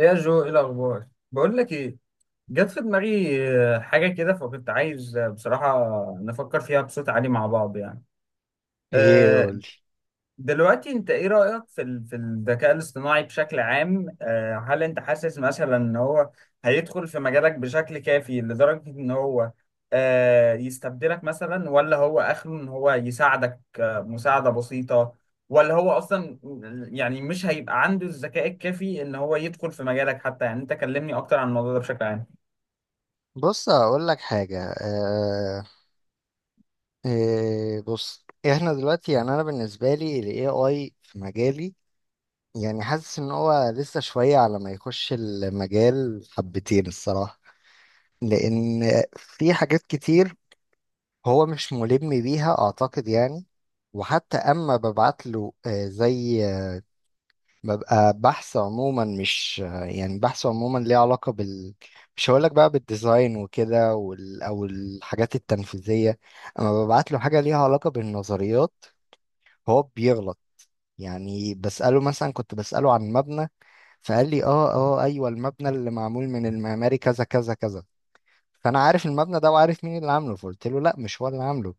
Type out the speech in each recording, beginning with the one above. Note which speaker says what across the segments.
Speaker 1: ايه يا جو، ايه الاخبار؟ بقول لك ايه، جت في دماغي حاجه كده، فكنت عايز بصراحه نفكر فيها بصوت عالي مع بعض يعني.
Speaker 2: ايه
Speaker 1: آه،
Speaker 2: قولي.
Speaker 1: دلوقتي انت ايه رأيك في في الذكاء الاصطناعي بشكل عام؟ هل انت حاسس مثلا ان هو هيدخل في مجالك بشكل كافي لدرجة ان هو يستبدلك مثلا، ولا هو اخره ان هو يساعدك مساعدة بسيطة، ولا هو اصلا يعني مش هيبقى عنده الذكاء الكافي ان هو يدخل في مجالك حتى؟ يعني انت كلمني اكتر عن الموضوع ده بشكل عام.
Speaker 2: بص اقول لك حاجه. آه إيه بص احنا دلوقتي يعني انا بالنسبه لي الاي اي في مجالي، يعني حاسس ان هو لسه شويه على ما يخش المجال حبتين الصراحه. لان في حاجات كتير هو مش ملم بيها اعتقد يعني. وحتى اما ببعت له زي، ببقى بحث عموما، مش يعني بحث عموما ليه علاقة بال، مش هقولك بقى بالديزاين وكده أو الحاجات التنفيذية. أما ببعت له حاجة ليها علاقة بالنظريات، هو بيغلط. يعني بسأله، مثلا كنت بسأله عن مبنى، فقال لي أيوه المبنى اللي معمول من المعماري كذا كذا كذا. فأنا عارف المبنى ده وعارف مين اللي عامله، فقلت له لا مش هو اللي عامله.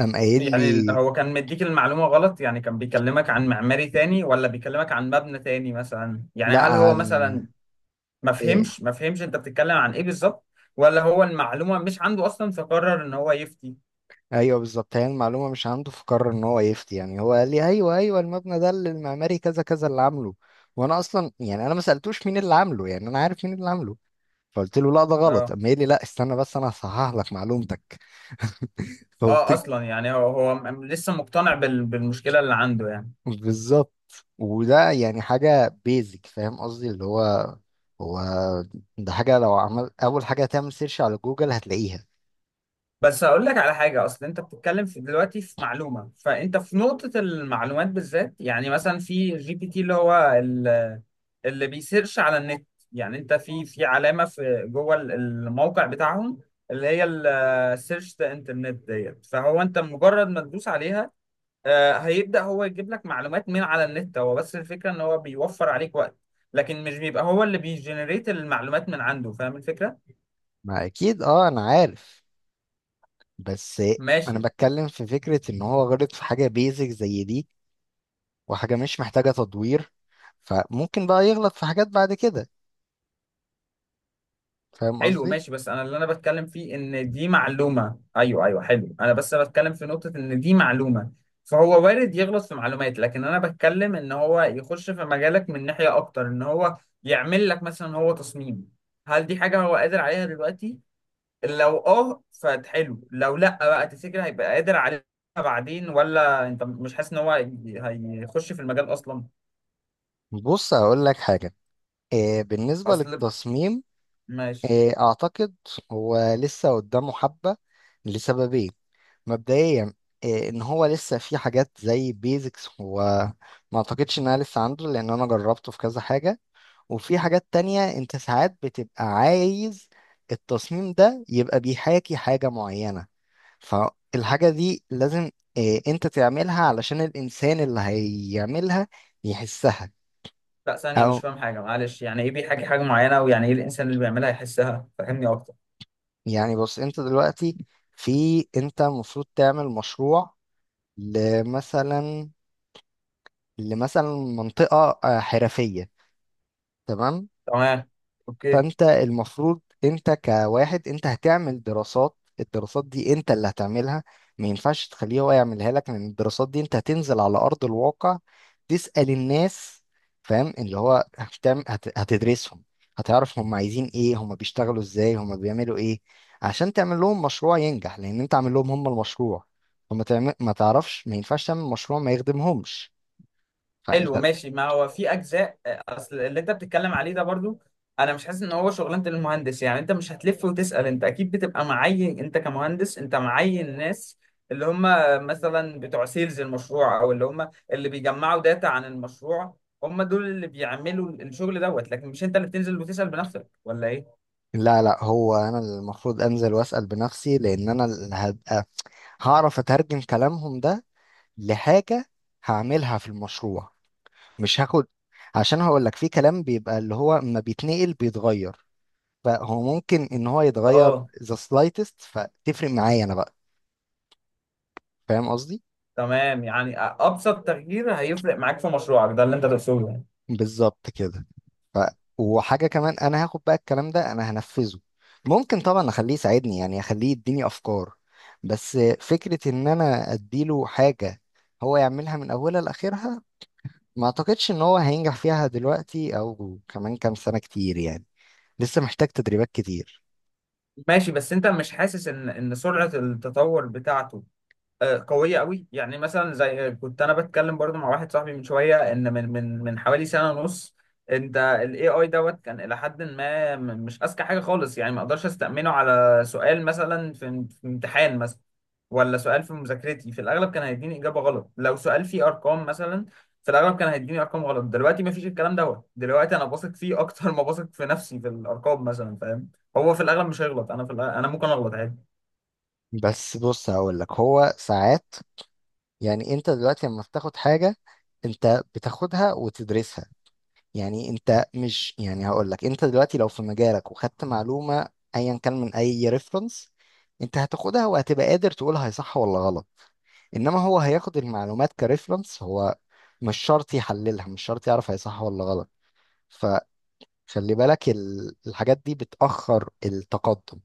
Speaker 2: قام قايل
Speaker 1: يعني
Speaker 2: لي
Speaker 1: هو كان مديك المعلومة غلط؟ يعني كان بيكلمك عن معماري تاني ولا بيكلمك عن مبنى تاني مثلا؟ يعني
Speaker 2: لا.
Speaker 1: هل هو
Speaker 2: عن
Speaker 1: مثلا ما فهمش انت بتتكلم عن ايه بالظبط، ولا هو المعلومه مش عنده اصلا فقرر ان هو يفتي؟
Speaker 2: ايوه بالظبط، هي المعلومه مش عنده فقرر ان هو يفتي. يعني هو قال لي ايوه ايوه المبنى ده اللي المعماري كذا كذا اللي عامله، وانا اصلا يعني انا ما سالتوش مين اللي عامله، يعني انا عارف مين اللي عامله. فقلت له لا ده غلط،
Speaker 1: اه
Speaker 2: اما قال لي لا استنى بس انا هصحح لك معلومتك.
Speaker 1: اه،
Speaker 2: فبت...
Speaker 1: اصلا يعني هو لسه مقتنع بالمشكله اللي عنده يعني.
Speaker 2: بالظبط. وده يعني حاجه بيزك، فاهم قصدي؟ اللي هو ده حاجه لو عمل اول حاجه هتعمل سيرش على جوجل هتلاقيها.
Speaker 1: بس هقول لك على حاجه، اصل انت بتتكلم في دلوقتي في معلومه، فانت في نقطه المعلومات بالذات يعني، مثلا في جي بي تي اللي هو اللي بيسيرش على النت، يعني انت في علامه في جوه الموقع بتاعهم اللي هي السيرش ذا انترنت ديت، فهو انت مجرد ما تدوس عليها هيبدأ هو يجيب لك معلومات من على النت، هو بس الفكرة ان هو بيوفر عليك وقت، لكن مش بيبقى هو اللي بيجنريت المعلومات من عنده، فاهم الفكرة؟
Speaker 2: ما اكيد اه انا عارف. بس انا
Speaker 1: ماشي.
Speaker 2: بتكلم في فكره ان هو غلط في حاجه بيزك زي دي وحاجة مش محتاجة تدوير، فممكن بقى يغلط في حاجات بعد كده. فاهم
Speaker 1: حلو
Speaker 2: قصدي؟
Speaker 1: ماشي، بس انا اللي انا بتكلم فيه ان دي معلومة، ايوه ايوه، حلو، انا بس بتكلم في نقطة ان دي معلومة فهو وارد يغلط في معلومات، لكن انا بتكلم ان هو يخش في مجالك من ناحية اكتر، ان هو يعمل لك مثلا هو تصميم. هل دي حاجة هو قادر عليها دلوقتي؟ لو اه فحلو، لو لا بقى تفتكر هيبقى قادر عليها بعدين؟ ولا انت مش حاسس ان هو هيخش في المجال اصلا؟
Speaker 2: بص هقول لك حاجة. بالنسبة
Speaker 1: اصل
Speaker 2: للتصميم،
Speaker 1: ماشي.
Speaker 2: أعتقد هو لسه قدامه حبة لسببين. مبدئيا، إن هو لسه في حاجات زي بيزكس هو ما أعتقدش إنها لسه عنده، لأن أنا جربته في كذا حاجة. وفي حاجات تانية انت ساعات بتبقى عايز التصميم ده يبقى بيحاكي حاجة معينة، فالحاجة دي لازم انت تعملها علشان الانسان اللي هيعملها يحسها.
Speaker 1: لا ثانية، مش
Speaker 2: او
Speaker 1: فاهم حاجة معلش، يعني ايه بيحكي حاجة معينة، ويعني ايه الانسان اللي بيعملها يحسها؟ فهمني اكتر.
Speaker 2: يعني بص، انت دلوقتي في، انت المفروض تعمل مشروع لمثلا لمثلا منطقة حرفية. تمام.
Speaker 1: تمام، اوكي.
Speaker 2: فانت المفروض انت كواحد انت هتعمل دراسات. الدراسات دي انت اللي هتعملها، ما ينفعش تخليه هو يعملها لك، لان الدراسات دي انت هتنزل على ارض الواقع تسأل الناس. فاهم؟ اللي هو هتعمل هتدرسهم، هتعرف هم عايزين ايه، هم بيشتغلوا ازاي، هم بيعملوا ايه، عشان تعمل لهم مشروع ينجح، لان انت عامل لهم هم المشروع. فما تعمل، ما تعرفش، ما ينفعش تعمل مشروع ما يخدمهمش.
Speaker 1: حلو
Speaker 2: فانت،
Speaker 1: ماشي، ما هو في اجزاء، اصل اللي انت بتتكلم عليه ده برضو انا مش حاسس ان هو شغلانه المهندس، يعني انت مش هتلف وتسال، انت اكيد بتبقى معين، انت كمهندس انت معين ناس اللي هم مثلا بتوع سيلز المشروع، او اللي هم اللي بيجمعوا داتا عن المشروع، هم دول اللي بيعملوا الشغل دوت. لكن مش انت اللي بتنزل وتسال بنفسك، ولا ايه؟
Speaker 2: لا هو انا اللي المفروض انزل واسال بنفسي، لان انا اللي هبقى هعرف اترجم كلامهم ده لحاجة هعملها في المشروع. مش هاخد، عشان هقول لك في كلام بيبقى اللي هو اما بيتنقل بيتغير، فهو ممكن ان هو يتغير
Speaker 1: اه
Speaker 2: the slightest، فتفرق معايا انا بقى. فاهم قصدي؟
Speaker 1: تمام، يعني ابسط تغيير هيفرق معاك في مشروعك ده اللي انت تقصده يعني.
Speaker 2: بالظبط كده. ف... وحاجة كمان، انا هاخد بقى الكلام ده انا هنفذه. ممكن طبعا اخليه يساعدني، يعني اخليه يديني افكار، بس فكرة ان انا اديله حاجة هو يعملها من اولها لاخرها، ما اعتقدش ان هو هينجح فيها دلوقتي او كمان كام سنة كتير يعني. لسه محتاج تدريبات كتير.
Speaker 1: ماشي، بس انت مش حاسس ان سرعه التطور بتاعته قوية قوي؟ يعني مثلا زي كنت انا بتكلم برضو مع واحد صاحبي من شوية، ان من حوالي سنة ونص انت الاي اي دوت كان الى حد ما مش اذكى حاجة خالص، يعني ما اقدرش استأمنه على سؤال مثلا في امتحان مثلا، ولا سؤال في مذاكرتي، في الاغلب كان هيديني اجابة غلط، لو سؤال فيه ارقام مثلا في الاغلب كان هيديني ارقام غلط. دلوقتي ما فيش الكلام دوت، دلوقتي انا بثق فيه اكتر ما بثق في نفسي في الارقام مثلا، فاهم؟ هو في الاغلب مش هيغلط، انا في الأغلب انا ممكن اغلط عادي.
Speaker 2: بس بص هقول لك، هو ساعات، يعني انت دلوقتي لما بتاخد حاجة انت بتاخدها وتدرسها. يعني انت مش، يعني هقول لك، انت دلوقتي لو في مجالك وخدت معلومة ايا كان من اي ريفرنس، انت هتاخدها وهتبقى قادر تقول هي صح ولا غلط. انما هو هياخد المعلومات كريفرنس، هو مش شرط يحللها، مش شرط يعرف هي صح ولا غلط. خلي بالك، ال- الحاجات دي بتأخر التقدم.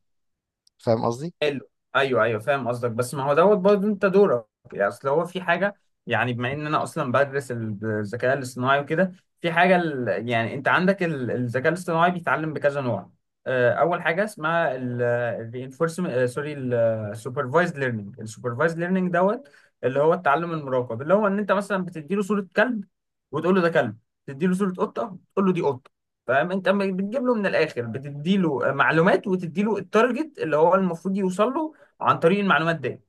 Speaker 2: فاهم قصدي؟
Speaker 1: حلو، ايوه ايوه فاهم قصدك، بس ما هو دوت برضه انت دورك، يعني اصل هو في حاجه، يعني بما ان انا اصلا بدرس الذكاء الاصطناعي وكده، في حاجه يعني انت عندك الذكاء الاصطناعي بيتعلم بكذا نوع. اول حاجه اسمها الرينفورسمنت سوري، السوبرفايزد ليرنينج، السوبرفايزد ليرنينج دوت اللي هو التعلم المراقب، اللي هو ان انت مثلا بتدي له صوره كلب وتقول له ده كلب، تدي له صوره قطه تقول له دي قطه. فاهم؟ انت بتجيب له من الاخر، بتدي له معلومات وتدي له التارجت اللي هو المفروض يوصل له عن طريق المعلومات دي.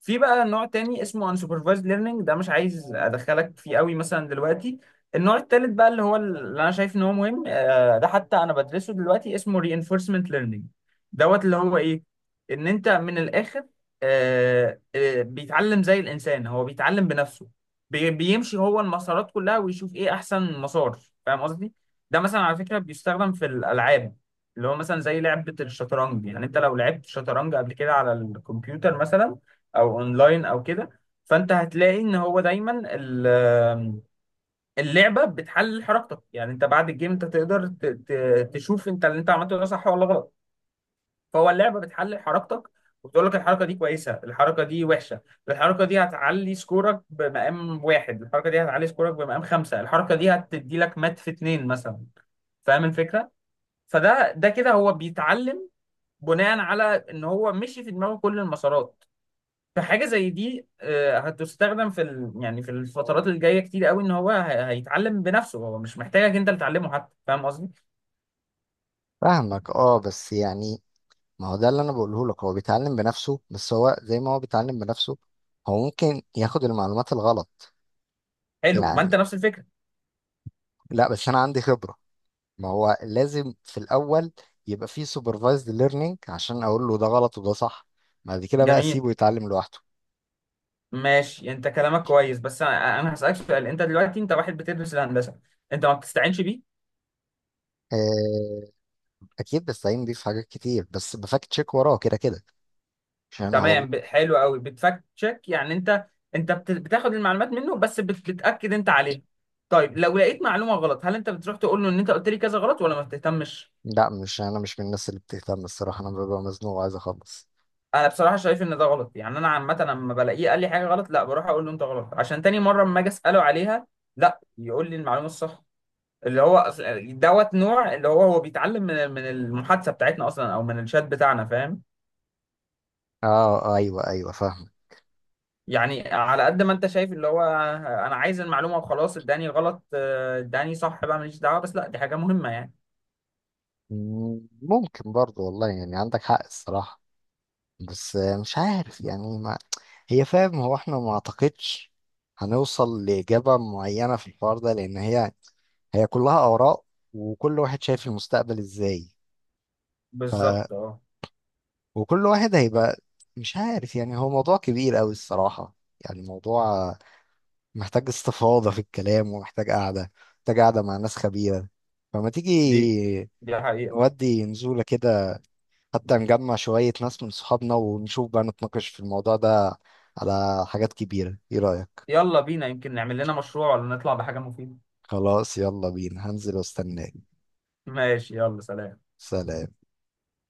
Speaker 1: في بقى نوع تاني اسمه unsupervised learning، ده مش عايز ادخلك فيه قوي مثلا دلوقتي. النوع التالت بقى اللي هو اللي انا شايف ان هو مهم، ده حتى انا بدرسه دلوقتي، اسمه reinforcement learning دوت. اللي هو ايه؟ ان انت من الاخر بيتعلم زي الانسان، هو بيتعلم بنفسه، بيمشي هو المسارات كلها ويشوف ايه احسن مسار. فاهم قصدي؟ ده مثلا على فكرة بيستخدم في الالعاب، اللي هو مثلا زي لعبة الشطرنج. يعني انت لو لعبت شطرنج قبل كده على الكمبيوتر مثلا او اونلاين او كده، فانت هتلاقي ان هو دايما اللعبه بتحلل حركتك، يعني انت بعد الجيم انت تقدر تشوف انت اللي انت عملته ده صح ولا غلط. فهو اللعبه بتحلل حركتك وبتقول لك الحركه دي كويسه، الحركه دي وحشه، الحركه دي هتعلي سكورك بمقام واحد، الحركه دي هتعلي سكورك بمقام خمسه، الحركه دي هتدي لك مات في اتنين مثلا. فاهم الفكره؟ فده كده هو بيتعلم بناء على ان هو مشي في دماغه كل المسارات. فحاجه زي دي هتستخدم في يعني في الفترات الجايه كتير قوي، ان هو هيتعلم بنفسه، هو مش محتاجك انت اللي تعلمه حتى. فاهم قصدي؟
Speaker 2: فاهمك اه، بس يعني ما هو ده اللي انا بقوله لك، هو بيتعلم بنفسه، بس هو زي ما هو بيتعلم بنفسه هو ممكن ياخد المعلومات الغلط.
Speaker 1: حلو، ما انت
Speaker 2: يعني،
Speaker 1: نفس الفكره.
Speaker 2: لا بس انا عندي خبرة، ما هو لازم في الاول يبقى فيه سوبرفايزد ليرنينج عشان اقول له ده غلط وده صح، بعد كده بقى
Speaker 1: جميل
Speaker 2: اسيبه يتعلم لوحده.
Speaker 1: ماشي، انت كلامك كويس، بس انا هسالك سؤال: انت دلوقتي انت واحد بتدرس الهندسه، انت ما بتستعينش بيه؟
Speaker 2: آه، اكيد، بس هينضيف حاجات كتير، بس بفاكت تشيك وراه كده كده، عشان هو.
Speaker 1: تمام، حلو قوي، بتفاكت تشيك يعني، انت بتاخد المعلومات منه بس بتاكد انت عليها. طيب لو لقيت معلومه غلط، هل انت بتروح تقول له ان انت قلت لي كذا غلط، ولا ما بتهتمش؟
Speaker 2: لا، مش انا مش من الناس اللي بتهتم الصراحه، انا ببقى مزنوق وعايز اخلص.
Speaker 1: انا بصراحه شايف ان ده غلط، يعني انا عامه لما بلاقيه قال لي حاجه غلط، لا بروح اقول له انت غلط عشان تاني مره اما اجي اساله عليها لا يقول لي المعلومه الصح. اللي هو دوت نوع اللي هو هو بيتعلم من المحادثه بتاعتنا اصلا او من الشات بتاعنا، فاهم؟
Speaker 2: اه. ايوه ايوه فاهم.
Speaker 1: يعني على قد ما انت شايف، اللي هو انا عايز المعلومه وخلاص، اداني غلط اداني صح بقى ماليش دعوه، بس لا دي حاجه مهمه يعني.
Speaker 2: ممكن برضو والله، يعني عندك حق الصراحه. بس مش عارف يعني ما، هي فاهم هو احنا ما اعتقدش هنوصل لاجابه معينه في الحوار ده، لان هي كلها آراء، وكل واحد شايف المستقبل إزاي،
Speaker 1: بالظبط اه.
Speaker 2: وكل واحد هيبقى، مش عارف. يعني هو موضوع كبير أوي الصراحة، يعني موضوع محتاج استفاضة في الكلام ومحتاج قعدة، محتاج قعدة مع ناس خبيرة. فما
Speaker 1: دي
Speaker 2: تيجي
Speaker 1: دي حقيقه.
Speaker 2: نودي نزولة كده، حتى نجمع شوية ناس من صحابنا ونشوف بقى نتناقش في الموضوع ده على حاجات كبيرة. ايه رأيك؟
Speaker 1: يلا بينا، يمكن نعمل لنا مشروع ولا نطلع بحاجه مفيده.
Speaker 2: خلاص يلا بينا، هنزل واستناك.
Speaker 1: ماشي يلا، سلام.
Speaker 2: سلام.